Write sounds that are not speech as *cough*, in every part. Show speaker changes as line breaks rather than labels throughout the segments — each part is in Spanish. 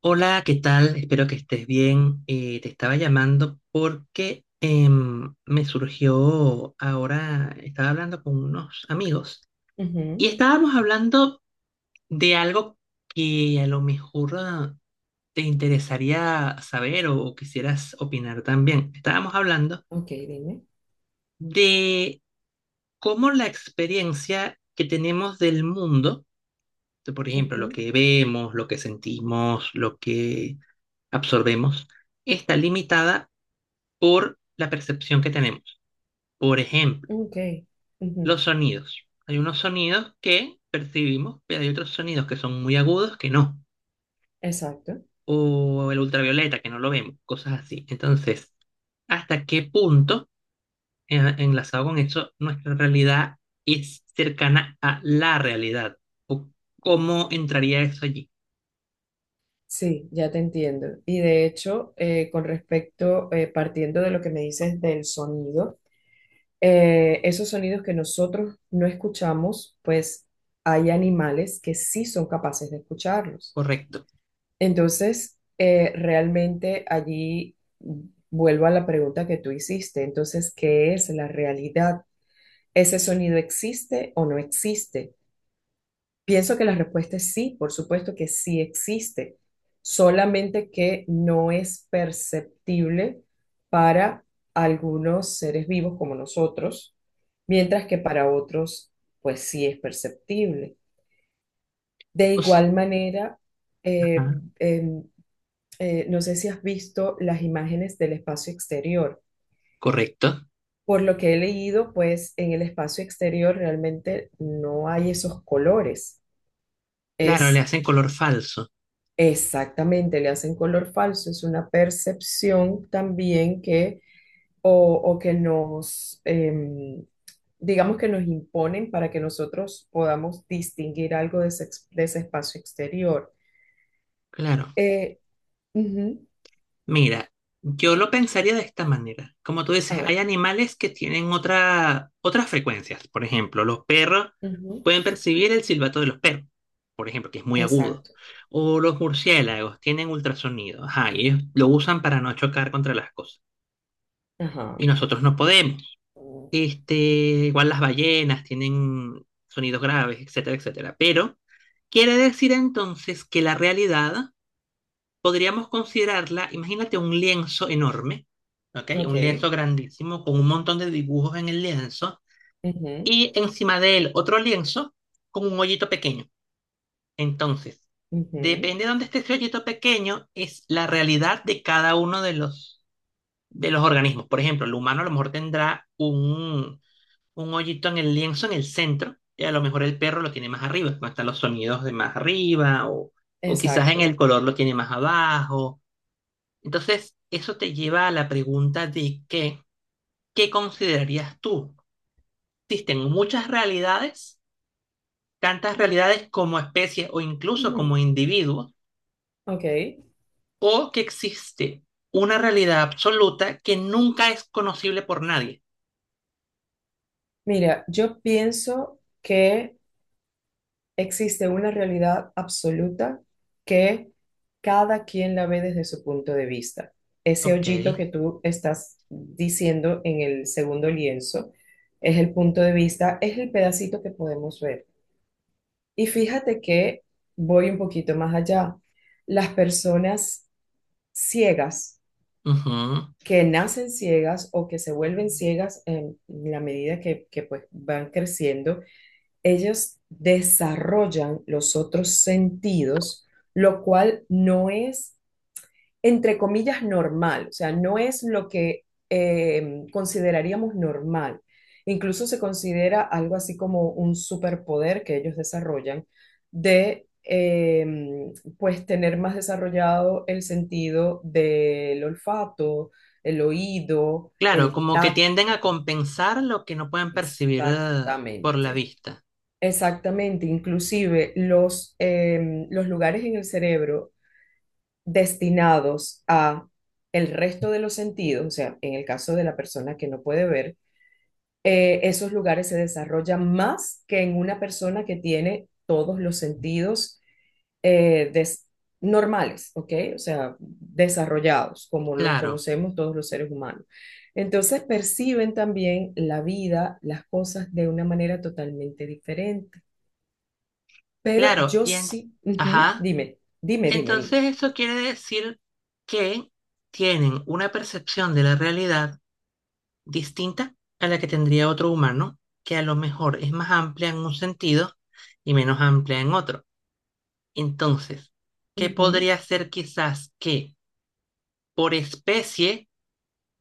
Hola, ¿qué tal? Espero que estés bien. Te estaba llamando porque me surgió ahora, estaba hablando con unos amigos y
Ujú.
estábamos hablando de algo que a lo mejor te interesaría saber o quisieras opinar también. Estábamos hablando
Ok, dime.
de cómo la experiencia que tenemos del mundo, de, por ejemplo, lo
Ujú.
que vemos, lo que sentimos, lo que absorbemos, está limitada por la percepción que tenemos. Por ejemplo,
Ok. Ujú.
los sonidos. Hay unos sonidos que percibimos, pero hay otros sonidos que son muy agudos que no.
Exacto.
O el ultravioleta, que no lo vemos, cosas así. Entonces, ¿hasta qué punto, enlazado con eso, nuestra realidad es cercana a la realidad? ¿O cómo entraría eso allí?
Sí, ya te entiendo. Y de hecho, con respecto, partiendo de lo que me dices del sonido, esos sonidos que nosotros no escuchamos, pues hay animales que sí son capaces de escucharlos.
Correcto.
Entonces, realmente allí vuelvo a la pregunta que tú hiciste. Entonces, ¿qué es la realidad? ¿Ese sonido existe o no existe? Pienso que la respuesta es sí, por supuesto que sí existe, solamente que no es perceptible para algunos seres vivos como nosotros, mientras que para otros, pues sí es perceptible. De
O s-
igual manera,
ajá,
eh, em, no sé si has visto las imágenes del espacio exterior.
correcto.
Por lo que he leído, pues en el espacio exterior realmente no hay esos colores.
Claro, le
Es
hacen color falso.
Exactamente, le hacen color falso. Es una percepción también que, o, o que nos, digamos que nos imponen para que nosotros podamos distinguir algo de ese, de ese espacio exterior.
Claro.
Eh, ujú.
Mira, yo lo pensaría de esta manera. Como tú dices,
A
hay
ver.
animales que tienen otras frecuencias. Por ejemplo, los perros
Ujú.
pueden percibir el silbato de los perros, por ejemplo, que es muy agudo.
Exacto.
O los murciélagos tienen ultrasonido. Ajá, y ellos lo usan para no chocar contra las cosas. Y
Ajá.
nosotros no podemos.
Ok.
Este, igual las ballenas tienen sonidos graves, etcétera, etcétera. Pero quiere decir entonces que la realidad podríamos considerarla, imagínate un lienzo enorme, ¿ok? Un lienzo grandísimo con un montón de dibujos en el lienzo
Ujú.
y encima de él otro lienzo con un hoyito pequeño. Entonces,
Ujú.
depende de dónde esté ese hoyito pequeño, es la realidad de cada uno de de los organismos. Por ejemplo, el humano a lo mejor tendrá un hoyito en el lienzo en el centro y a lo mejor el perro lo tiene más arriba, no están los sonidos de más arriba o quizás en
Exacto.
el color lo tiene más abajo, entonces, eso te lleva a la pregunta de ¿qué considerarías tú? Existen muchas realidades, tantas realidades como especies o incluso como
Ujú.
individuos,
Ok.
o que existe una realidad absoluta que nunca es conocible por nadie.
Mira, yo pienso que existe una realidad absoluta que cada quien la ve desde su punto de vista. Ese
Ok,
hoyito que tú estás diciendo en el segundo lienzo es el punto de vista, es el pedacito que podemos ver. Y fíjate que voy un poquito más allá. Las personas ciegas,
ujú.
que nacen ciegas o que se vuelven ciegas en la medida que pues van creciendo, ellos desarrollan los otros sentidos, lo cual no es, entre comillas, normal. O sea, no es lo que consideraríamos normal. Incluso se considera algo así como un superpoder que ellos desarrollan de, pues, tener más desarrollado el sentido del olfato, el oído,
Claro,
el
como que
tacto,
tienden a compensar lo que no pueden percibir por la
exactamente.
vista.
Exactamente, inclusive los lugares en el cerebro destinados a el resto de los sentidos, o sea, en el caso de la persona que no puede ver, esos lugares se desarrollan más que en una persona que tiene todos los sentidos eh, des- normales, ¿ok? O sea, desarrollados, como los
Claro,
conocemos todos los seres humanos. Entonces perciben también la vida, las cosas de una manera totalmente diferente. Pero
claro.
yo
Y en...
sí, ujú.
Ajá.
Dime, dime, dime,
Entonces,
dime.
eso quiere decir que tienen una percepción de la realidad distinta a la que tendría otro humano, que a lo mejor es más amplia en un sentido y menos amplia en otro. Entonces, ¿qué
Ujú.
podría ser quizás que por especie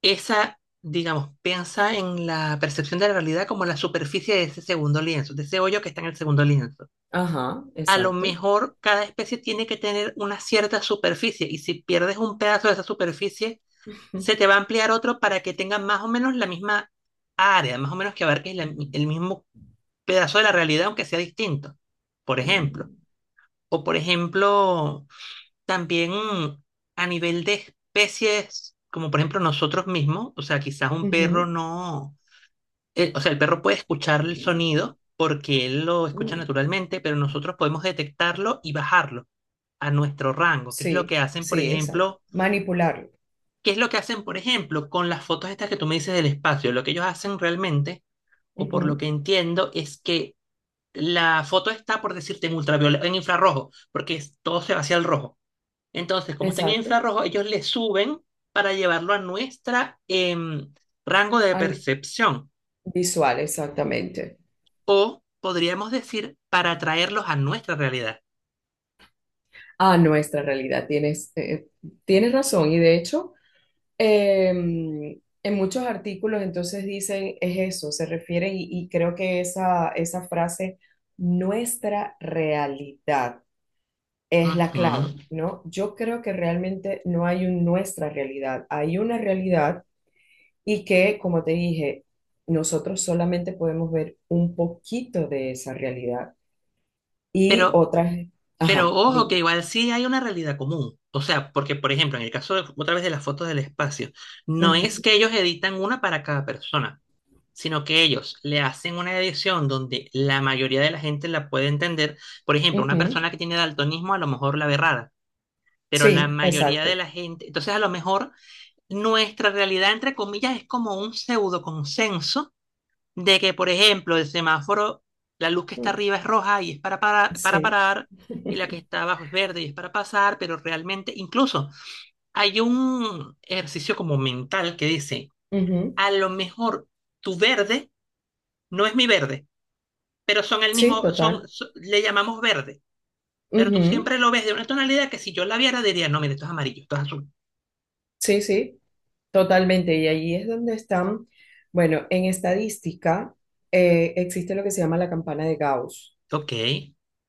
esa, digamos, piensa en la percepción de la realidad como la superficie de ese segundo lienzo, de ese hoyo que está en el segundo lienzo?
Ajá,
A lo
exacto.
mejor cada especie tiene que tener una cierta superficie y si pierdes un pedazo de esa superficie, se te va a ampliar otro para que tenga más o menos la misma área, más o menos que abarque el mismo pedazo de la realidad, aunque sea distinto, por
Ujú.
ejemplo. O por ejemplo, también a nivel de especies, como por ejemplo nosotros mismos, o sea, quizás un perro
Ujú.
no, o sea, el perro puede escuchar el sonido porque él lo escucha naturalmente, pero nosotros podemos detectarlo y bajarlo a nuestro rango, que es lo que
Sí,
hacen, por
sí, exacto.
ejemplo,
Manipularlo.
qué es lo que hacen, por ejemplo, con las fotos estas que tú me dices del espacio. Lo que ellos hacen realmente, o por lo
Ujú.
que entiendo, es que la foto está, por decirte, en ultravioleta, en infrarrojo, porque todo se va hacia el rojo. Entonces, como está en
Exacto.
infrarrojo, ellos le suben para llevarlo a nuestra rango de
An-
percepción,
visual, exactamente.
o podríamos decir, para traerlos a nuestra realidad.
A nuestra realidad. Tienes razón. Y de hecho. Eh, en muchos artículos entonces dicen es eso, se refieren y creo que esa frase, nuestra realidad, es la
Ujú.
clave, ¿no? Yo creo que realmente no hay un nuestra realidad, hay una realidad y que, como te dije, nosotros solamente podemos ver un poquito de esa realidad y
Pero
otras,
Pero
ajá,
ojo,
dime.
que igual sí hay una realidad común. O sea, porque, por ejemplo, en el caso otra vez de las fotos del espacio, no es
Ujú.
que ellos editan una para cada persona, sino que ellos le hacen una edición donde la mayoría de la gente la puede entender. Por ejemplo, una
Ujú.
persona que tiene daltonismo a lo mejor la ve rara, pero la
Sí,
mayoría de
exacto.
la gente, entonces a lo mejor nuestra realidad, entre comillas, es como un pseudo consenso de que, por ejemplo, el semáforo, la luz que está
Mm,
arriba es roja y es para
sí.
parar, y la que
*laughs*
está abajo es verde y es para pasar, pero realmente incluso hay un ejercicio como mental que dice,
Ujú.
a lo mejor tu verde no es mi verde, pero son el
Sí,
mismo,
total.
le llamamos verde, pero tú
Ujú.
siempre lo ves de una tonalidad que si yo la viera diría, no, mire, esto es amarillo, esto es azul.
Sí, sí, totalmente. Y allí es donde están, bueno, en estadística existe lo que se llama la campana de Gauss,
Ok,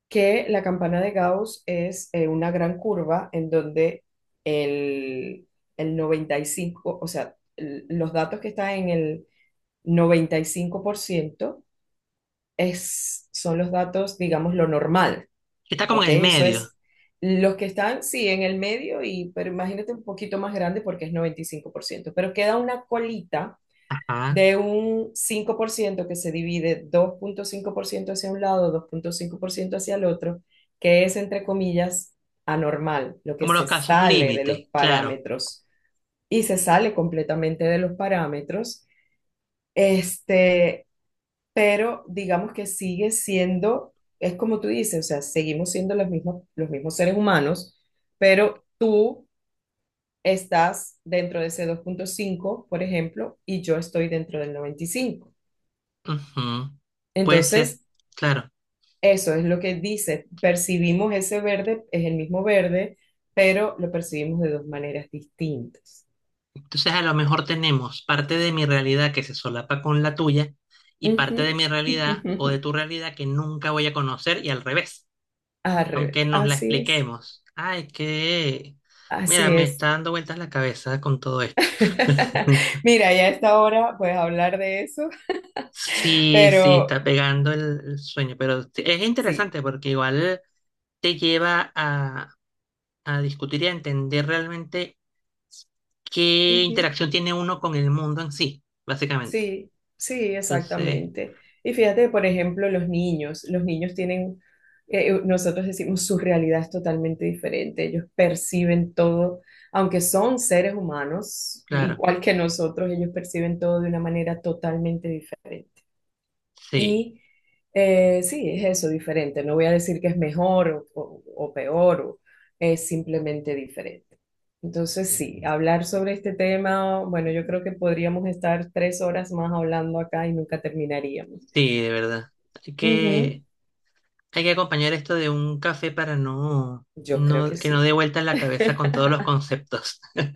que la campana de Gauss es una gran curva en donde el, el 95, o sea, los datos que están en el 95% es, son los datos, digamos, lo normal.
está como
Ok,
en el
eso
medio,
es. Los que están, sí, en el medio, y, pero imagínate un poquito más grande porque es 95%. Pero queda una colita
ajá,
de un 5% que se divide 2.5% hacia un lado, 2.5% hacia el otro, que es, entre comillas, anormal, lo que
como los
se
casos
sale de los
límite, claro.
parámetros y se sale completamente de los parámetros. Este, pero digamos que sigue siendo, es como tú dices, o sea, seguimos siendo los mismos seres humanos, pero tú estás dentro de ese 2.5, por ejemplo, y yo estoy dentro del 95.
Ujú. Puede ser,
Entonces,
claro.
eso es lo que dice, percibimos ese verde, es el mismo verde, pero lo percibimos de dos maneras distintas.
Entonces, a lo mejor tenemos parte de mi realidad que se solapa con la tuya y parte de
Ujú.
mi realidad o de
*laughs*
tu realidad que nunca voy a conocer y al revés,
Al
aunque
revés,
nos la
así es,
expliquemos. Ay, es que, mira,
así
me
es.
está dando vueltas la cabeza con todo esto.
*laughs*
*laughs*
Mira, ya a esta hora, pues hablar de eso.
Sí, sí, está
Pero
pegando el sueño, pero es
sí.
interesante porque igual te lleva a discutir y a entender realmente qué
Ujú.
interacción tiene uno con el mundo en sí, básicamente.
Sí, sí,
Entonces...
exactamente. Y fíjate, por ejemplo, los niños. Los niños tienen, nosotros decimos, su realidad es totalmente diferente. Ellos perciben todo, aunque son seres humanos,
Claro,
igual que nosotros, ellos perciben todo de una manera totalmente diferente.
sí,
Y sí, es eso, diferente. No voy a decir que es mejor o peor, es simplemente diferente. Entonces, sí, hablar sobre este tema, bueno, yo creo que podríamos estar 3 horas más hablando acá y nunca terminaríamos.
sí, de verdad. Hay
Ujú.
que, hay que acompañar esto de un café para no,
Yo creo
no,
que
que no
sí.
dé vueltas la cabeza con
*laughs*
todos los conceptos. *laughs*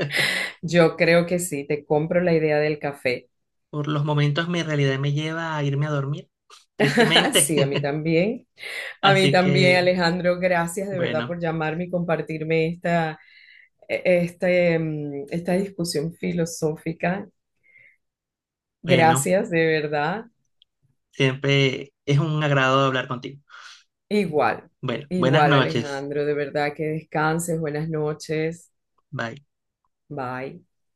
Yo creo que sí, te compro la idea del café.
Por los momentos mi realidad me lleva a irme a dormir, *laughs*
*laughs*
tristemente.
Sí, a mí
*laughs*
también. A mí
Así
también,
que,
Alejandro, gracias de verdad
bueno,
por llamarme y compartirme esta, e- este, mm, esta discusión filosófica.
bueno,
Gracias, de verdad.
siempre es un agrado hablar contigo. *laughs*
Igual,
Bueno, buenas
igual,
noches.
Alejandro, de verdad que descanses, buenas noches.
Bye.
Bye.